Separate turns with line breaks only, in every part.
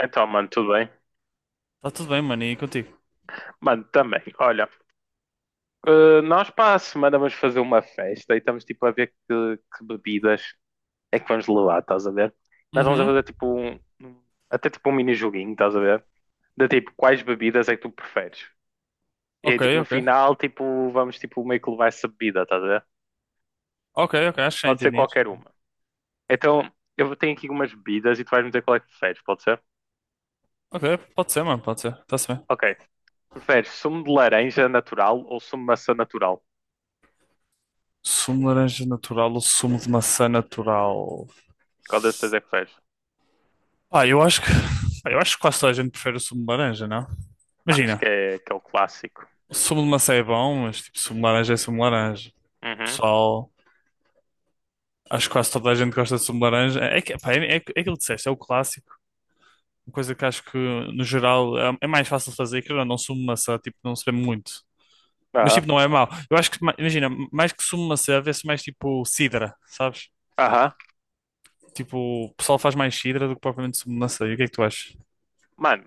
Então, mano, tudo bem?
Tá tudo bem, mano, e contigo?
Mano, também. Olha, nós para a semana vamos fazer uma festa e estamos tipo a ver que bebidas é que vamos levar, estás a ver? Nós vamos a
Uhum.
fazer tipo um. Um- Até tipo um mini joguinho, estás a ver? De tipo, quais bebidas é que tu preferes? E aí,
Ok,
tipo, no
ok.
final, tipo, vamos tipo meio que levar essa bebida, estás a ver?
Ok, ok, acho que já
Pode ser
entendi. Acho que já
qualquer
entendi.
uma. Então, eu tenho aqui umas bebidas e tu vais me dizer qual é que preferes, pode ser?
Ok, pode ser, mano, pode ser. Tá-se bem.
Ok. Preferes sumo de laranja natural ou sumo de maçã natural?
Sumo de laranja natural ou sumo de maçã natural?
Qual dessas três é que preferes?
Pá, eu acho que. Pá, eu acho que quase toda a gente prefere o sumo de laranja, não?
Não, acho que
Imagina,
é que é o clássico.
o sumo de maçã é bom, mas tipo, sumo de laranja é sumo de laranja.
Uhum.
Pessoal, acho que quase toda a gente gosta de sumo de laranja. É, que, pá, é aquilo que disseste, é o clássico. Uma coisa que acho que, no geral, é mais fácil de fazer, que é não, sumo de maçã, tipo, não se vê muito. Mas
Aham.
tipo, não é mau. Eu acho que, imagina, mais que sumo de maçã vê-se mais tipo sidra, sabes?
Aham.
Tipo, o pessoal faz mais sidra do que propriamente submacê. E o que é que tu achas?
Mano,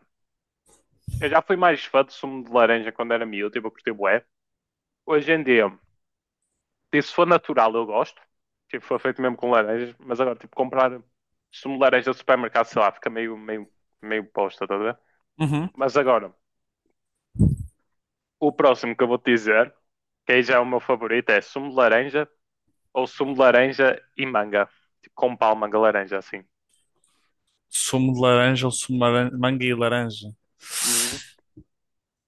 eu já fui mais fã de sumo de laranja quando era miúdo, tipo, eu curti bué. Hoje em dia, tipo, se for natural, eu gosto. Tipo, foi feito mesmo com laranjas, mas agora, tipo, comprar sumo de laranja do supermercado, sei lá, fica meio, meio posta, tá a ver?
Uhum.
Mas agora, o próximo que eu vou te dizer, que aí já é o meu favorito, é sumo de laranja ou sumo de laranja e manga. Tipo, com palma de laranja, assim.
Sumo de laranja ou sumo de manga e laranja?
Uhum.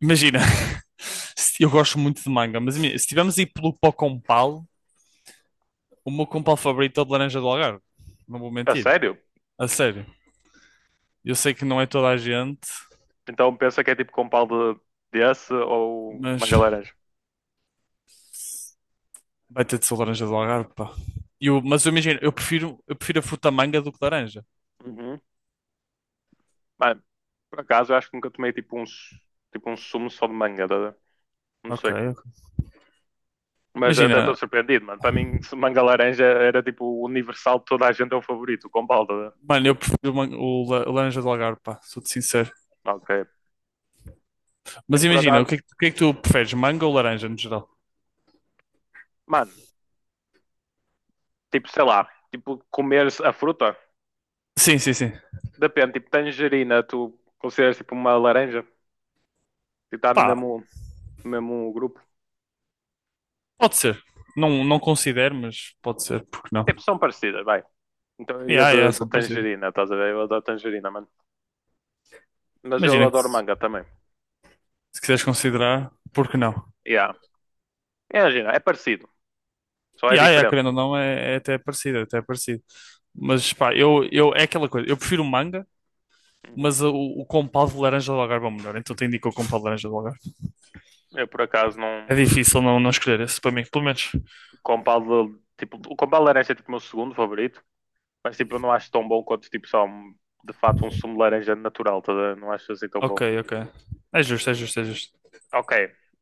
Imagina, eu gosto muito de manga, mas imagina, se tivermos a ir pelo pó com pal, o meu com pal favorito é o de laranja do Algarve. Não vou
A
mentir.
sério?
A sério. Eu sei que não é toda a gente,
Então pensa que é tipo com pau de desse ou
mas
manga laranja.
vai ter de ser laranja do Algarve, pá. Mas eu imagino, eu prefiro a fruta manga do que laranja.
Uhum. Mano, por acaso eu acho que nunca tomei tipo um, su- tipo um sumo só de manga, tá a ver? Não
Ok,
sei. Mas até estou
imagina,
surpreendido, mano. Para mim, se manga laranja era tipo universal, toda a gente é o favorito, com balda. Né?
mano, eu prefiro o, man- o la- o laranja do Algarve, pá, sou-te sincero.
Ok.
Mas
Eu por
imagina, o
acaso,
que é que, o que é que tu preferes, manga ou laranja no geral?
mano, tipo, sei lá, tipo, comer a fruta,
Sim, sim, sim.
depende, tipo, tangerina, tu consideras tipo uma laranja, tipo, está no
Pá,
mesmo, no mesmo grupo.
pode ser. Não, não considero, mas pode ser, porque não?
Tipo, são parecidas, vai. Então eu iria
Yeah,
de,
yeah,
de
são parecidos.
tangerina, estás a ver? Eu adoro tangerina, mano. Mas eu
Imagina que
adoro
se,
manga também.
se quiseres considerar, porque não?
Yeah. Imagina, é parecido, só é
Yeah, yeah,
diferente.
querendo ou não, é até parecido, é até parecido. Mas pá, eu, é aquela coisa, eu prefiro manga,
Uhum.
mas o compal de laranja do Algarve é o melhor, então te indico o compal de laranja do Algarve.
Eu por acaso não.
É difícil não escolher esse para mim, pelo menos.
Compal, tipo, o compal de laranja é tipo o meu segundo favorito, mas tipo, eu não acho tão bom quanto tipo só um- de fato um sumo de laranja natural, tá? A ver? Não acho assim tão
Ok,
bom.
ok. É justo, é justo, é justo.
Ok,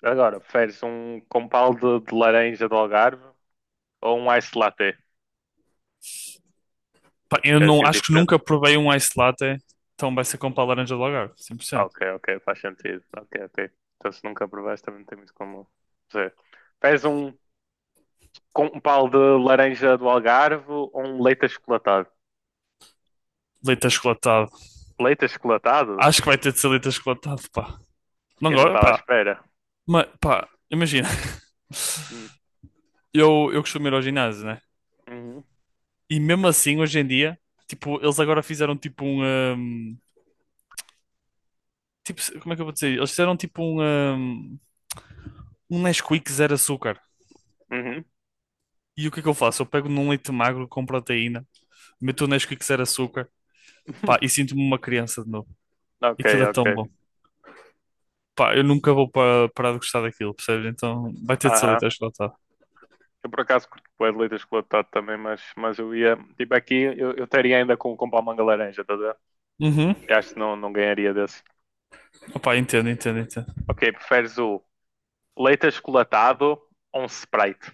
agora, preferes um compal de laranja do Algarve ou um ice latte?
Pá, eu
É
não,
assim
acho que
diferente.
nunca provei um ice latte, então vai ser com pá laranja de Algarve, 100%.
Ok, ok, faz sentido. Ok, ok. Então se nunca provaste também não tem muito como dizer. Preferes um com um pau de laranja do Algarve ou um leite achocolatado?
Leite achocolatado.
Leite achocolatado?
Acho que vai ter de ser leite achocolatado, pá. Não
Eu não
agora,
estava à
pá.
espera.
Mas, pá, imagina.
Hum.
Eu costumo ir ao ginásio, né?
Uhum.
E mesmo assim, hoje em dia, tipo, eles agora fizeram tipo um, hum, tipo, como é que eu vou dizer? Eles fizeram tipo hum, Um Nesquik zero açúcar.
Uhum.
E o que é que eu faço? Eu pego num leite magro com proteína, meto o Nesquik zero açúcar, pá, e sinto-me uma criança de novo.
Ok,
Aquilo é tão
ok.
bom. Pá, eu nunca vou parar de gostar daquilo, percebes? Então vai ter de ser
Aham.
leite achocolatado.
Eu por acaso curto bué de leite achocolatado também, mas eu ia. Tipo, aqui eu estaria ainda com palmanga laranja, tá a ver?
Uhum.
Eu acho que não, não ganharia desse.
Opá, entendo, entendo, entendo.
Ok, preferes o leite achocolatado ou um Sprite?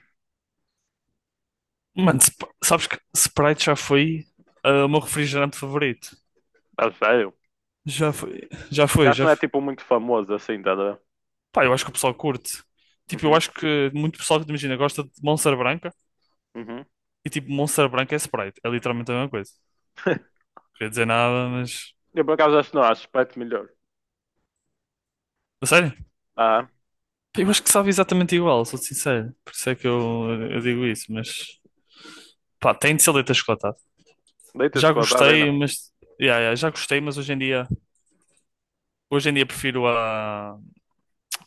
Mano, sabes que Sprite já foi o meu refrigerante favorito.
A sério?
Já foi, já
Eu
foi,
acho que
já
não é
foi.
tipo muito famoso assim, tá a ver?
Pá, eu acho que o pessoal curte. Tipo, eu
Uhum.
acho que muito pessoal que imagina gosta de Monster Branca
Uhum.
e tipo, Monster Branca é Sprite. É literalmente a mesma coisa. Não queria dizer nada, mas.
Eu por acaso acho que não, acho Sprite melhor.
A sério?
Ah,
Pá, eu acho que sabe exatamente igual, sou sincero. Por isso é que eu digo isso, mas. Pá, tem de ser leite.
leite
Já
achocolatado ainda.
gostei, mas yeah, yeah, já gostei, mas hoje em dia, prefiro a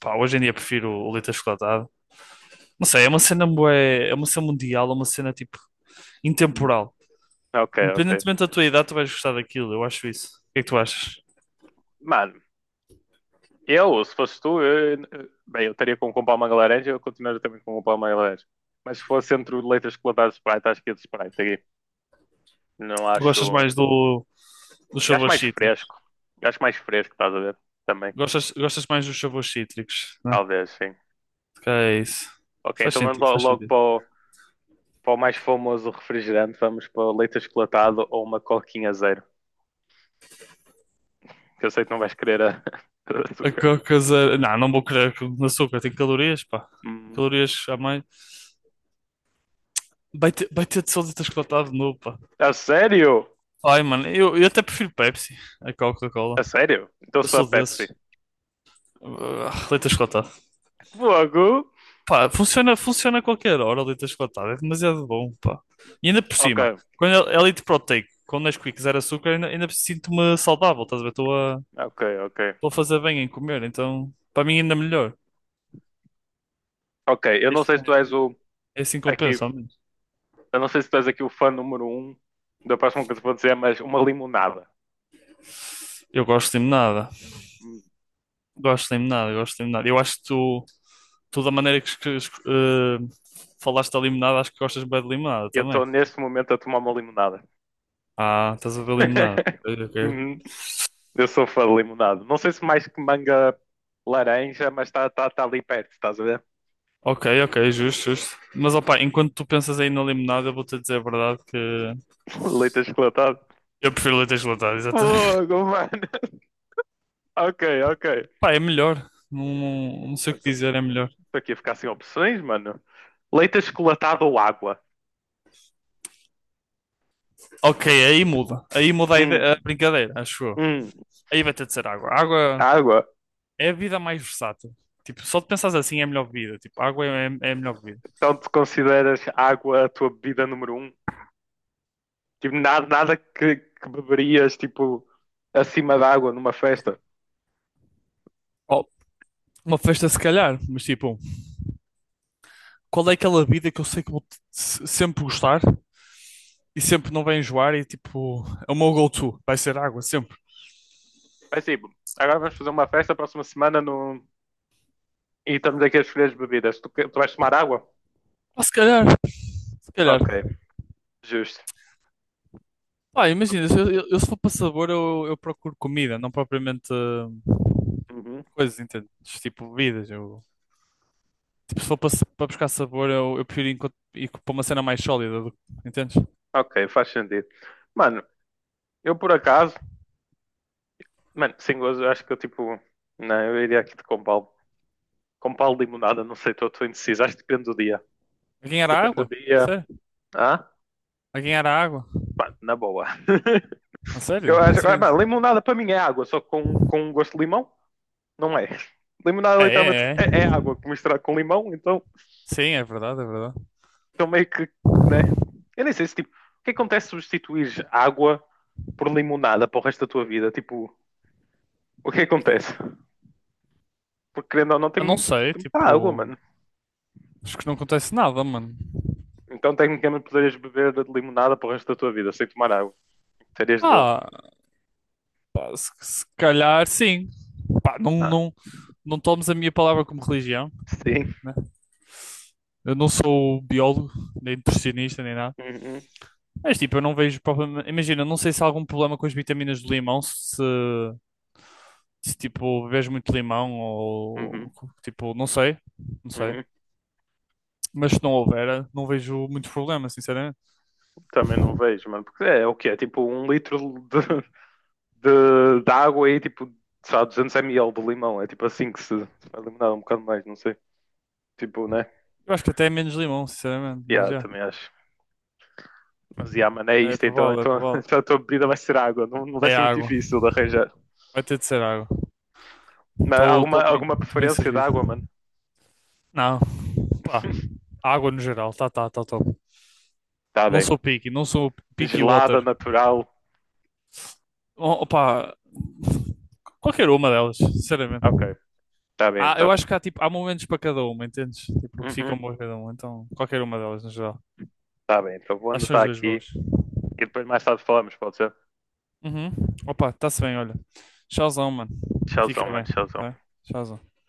pá, hoje em dia prefiro o leite achocolatado. Não sei, é uma cena bué, é uma cena mundial, é uma cena tipo
Hum.
intemporal.
Ok, ok.
Independentemente da tua idade, tu vais gostar daquilo, eu acho isso. O que é que tu achas?
Mano, eu, se fosse tu, eu- bem, eu estaria com comprar uma laranja, eu continuaria também com comprar uma laranja. Mas se fosse entre o leite achocolatado e Sprite, acho que ia de Sprite aqui. Não
Tu gostas
acho.
mais do dos
Acho
sabores
mais
cítricos?
fresco. Acho mais fresco, estás a ver? Também.
Gostas mais dos sabores cítricos, né?
Talvez, sim.
Que é isso.
Ok,
Faz
então vamos
sentido,
lo-
faz
logo
sentido.
para o, para o mais famoso refrigerante. Vamos para o leite achocolatado ou uma coquinha zero. Que eu sei que não vais querer a, a
A
açúcar.
Coca Zero, não, não vou querer com açúcar, tem calorias, pá.
Hum.
Calorias a mais. Vai ter de sódio achocolatado de novo, pá.
A sério?
Ai, mano, eu até prefiro Pepsi a
A
Coca-Cola.
sério? Então
Eu
se for a
sou
Pepsi.
desses. Ah, leite achocolatado.
Fogo!
Pá, funciona, funciona a qualquer hora, o leite achocolatado. É demasiado bom, pá. E ainda por
Ok.
cima, quando é leite proteico, quando Nesquik zero açúcar, ainda sinto-me saudável, estás a ver? Estou a,
Ok, ok.
estou a fazer bem em comer, então para mim ainda melhor.
Ok, eu não
Isto
sei se tu
é
és o
é assim que
aqui,
compensa, ao menos.
eu não sei se tu és aqui o fã número um da próxima coisa que vou dizer, mas uma limonada.
Eu gosto de limonada.
Hum.
Gosto de limonada, gosto de limonada. Eu acho que tu da maneira que, falaste da limonada, acho que gostas bem de limonada
Eu
também.
estou neste momento a tomar uma limonada.
Ah, estás a ver limonada. Ok, ok.
Uhum. Eu sou fã de limonada. Não sei se mais que manga laranja, mas está tá, tá tá ali perto, estás a ver?
Ok, ok, justo, justo. Mas opá, enquanto tu pensas aí na limonada, eu vou-te dizer a verdade que
Leite achocolatado.
eu prefiro leite gelado, exatamente.
Fogo, mano. Ok, ok.
Pá, é melhor. Não, não, não sei o que
Estou
dizer, é melhor.
aqui a ficar sem opções, mano. Leite achocolatado ou água?
Ok, aí muda. Aí muda a
Hum,
brincadeira, acho eu.
hum.
Aí vai ter de ser água. Água
Água,
é a vida mais versátil. Tipo, só de pensares assim é a melhor vida. Tipo, água é a melhor vida.
então tu consideras água a tua bebida número um? Tipo, nada que, que beberias, tipo, acima da água numa festa?
Oh, uma festa se calhar, mas tipo, qual é aquela vida que eu sei que vou sempre gostar? E sempre não vai enjoar e tipo, é o meu go-to, vai ser água sempre.
Mas tipo, agora vamos fazer uma festa próxima semana no... e estamos aqui a escolher as bebidas. Tu, que- tu vais tomar água?
Ah, se calhar, se calhar.
Ok, justo.
Pá, imagina, se eu se for para sabor, eu procuro comida, não propriamente
Uhum.
coisas, entende? Tipo bebidas. Eu, tipo, se for para, para buscar sabor, eu prefiro ir para uma cena mais sólida, entendes?
Ok, faz sentido. Mano, eu por acaso, mano, sem gozo, eu acho que eu tipo, não, eu iria aqui de Compal. Com pau de limonada, não sei, estou indeciso. Acho que depende do dia.
A ganhar a
Depende do
água?
dia.
Sério?
Ah,
A ganhar a água?
pá, na boa.
A sério?
Eu acho, ah, pá,
Sim.
limonada para mim é água, só com um gosto de limão, não é? Limonada
É,
literalmente
é, é.
é água misturada com limão, então,
Sim, é verdade, é verdade.
então meio que, né? Eu nem sei se tipo, o que acontece se substituir água por limonada para o resto da tua vida? Tipo, o que acontece? Porque querendo ou não, tem,
Ah, não sei,
tem muita água,
tipo,
mano.
acho que não acontece nada, mano.
Então tecnicamente poderias beber de limonada para o resto da tua vida sem tomar água. Terias de boa.
Ah, pá, se calhar sim. Pá, não,
Ah,
não, não tomes a minha palavra como religião,
sim.
né? Eu não sou biólogo, nem nutricionista, nem nada.
Uhum.
Mas tipo, eu não vejo problema. Imagina, eu não sei se há algum problema com as vitaminas do limão, se tipo, bebes muito limão
Uhum,
ou tipo, não sei, não sei.
uhum.
Mas se não houver, não vejo muito problema, sinceramente.
Também não vejo, mano. Porque é, é o que é? Tipo um litro de, de água e tipo, sei lá, 200 ml de limão. É tipo assim que se vai eliminar um bocado mais, não sei. Tipo, né?
Eu acho que até é menos limão, sinceramente, mas
Yeah,
já.
também acho. Mas yeah, mano, é
É
isto. Então,
provável, é
então,
provável.
então a tua bebida vai ser água. Não, não vai
É
ser muito
água.
difícil de arranjar.
Vai ter de ser água.
Mas alguma, alguma
Estou bem
preferência de
servido.
água, mano?
Não, pá. Água no geral, tá top.
Tá
Não
bem.
sou picky, não sou picky
Gelada,
water.
natural.
Oh, opa, qualquer uma delas, sinceramente.
Ok, tá bem
Ah, eu
então.
acho que há, tipo, há momentos para cada uma, entendes? Tipo, que
Uhum.
ficam boas cada uma, então qualquer uma delas no geral.
Tá bem, então vou
Acho que são
anotar
as duas
aqui
boas.
e depois mais tarde falamos, pode ser?
Uhum. Opa, está-se bem, olha. Tchauzão, mano.
Tchauzão,
Fica
mano,
bem,
tchauzão.
tá? Tchauzão.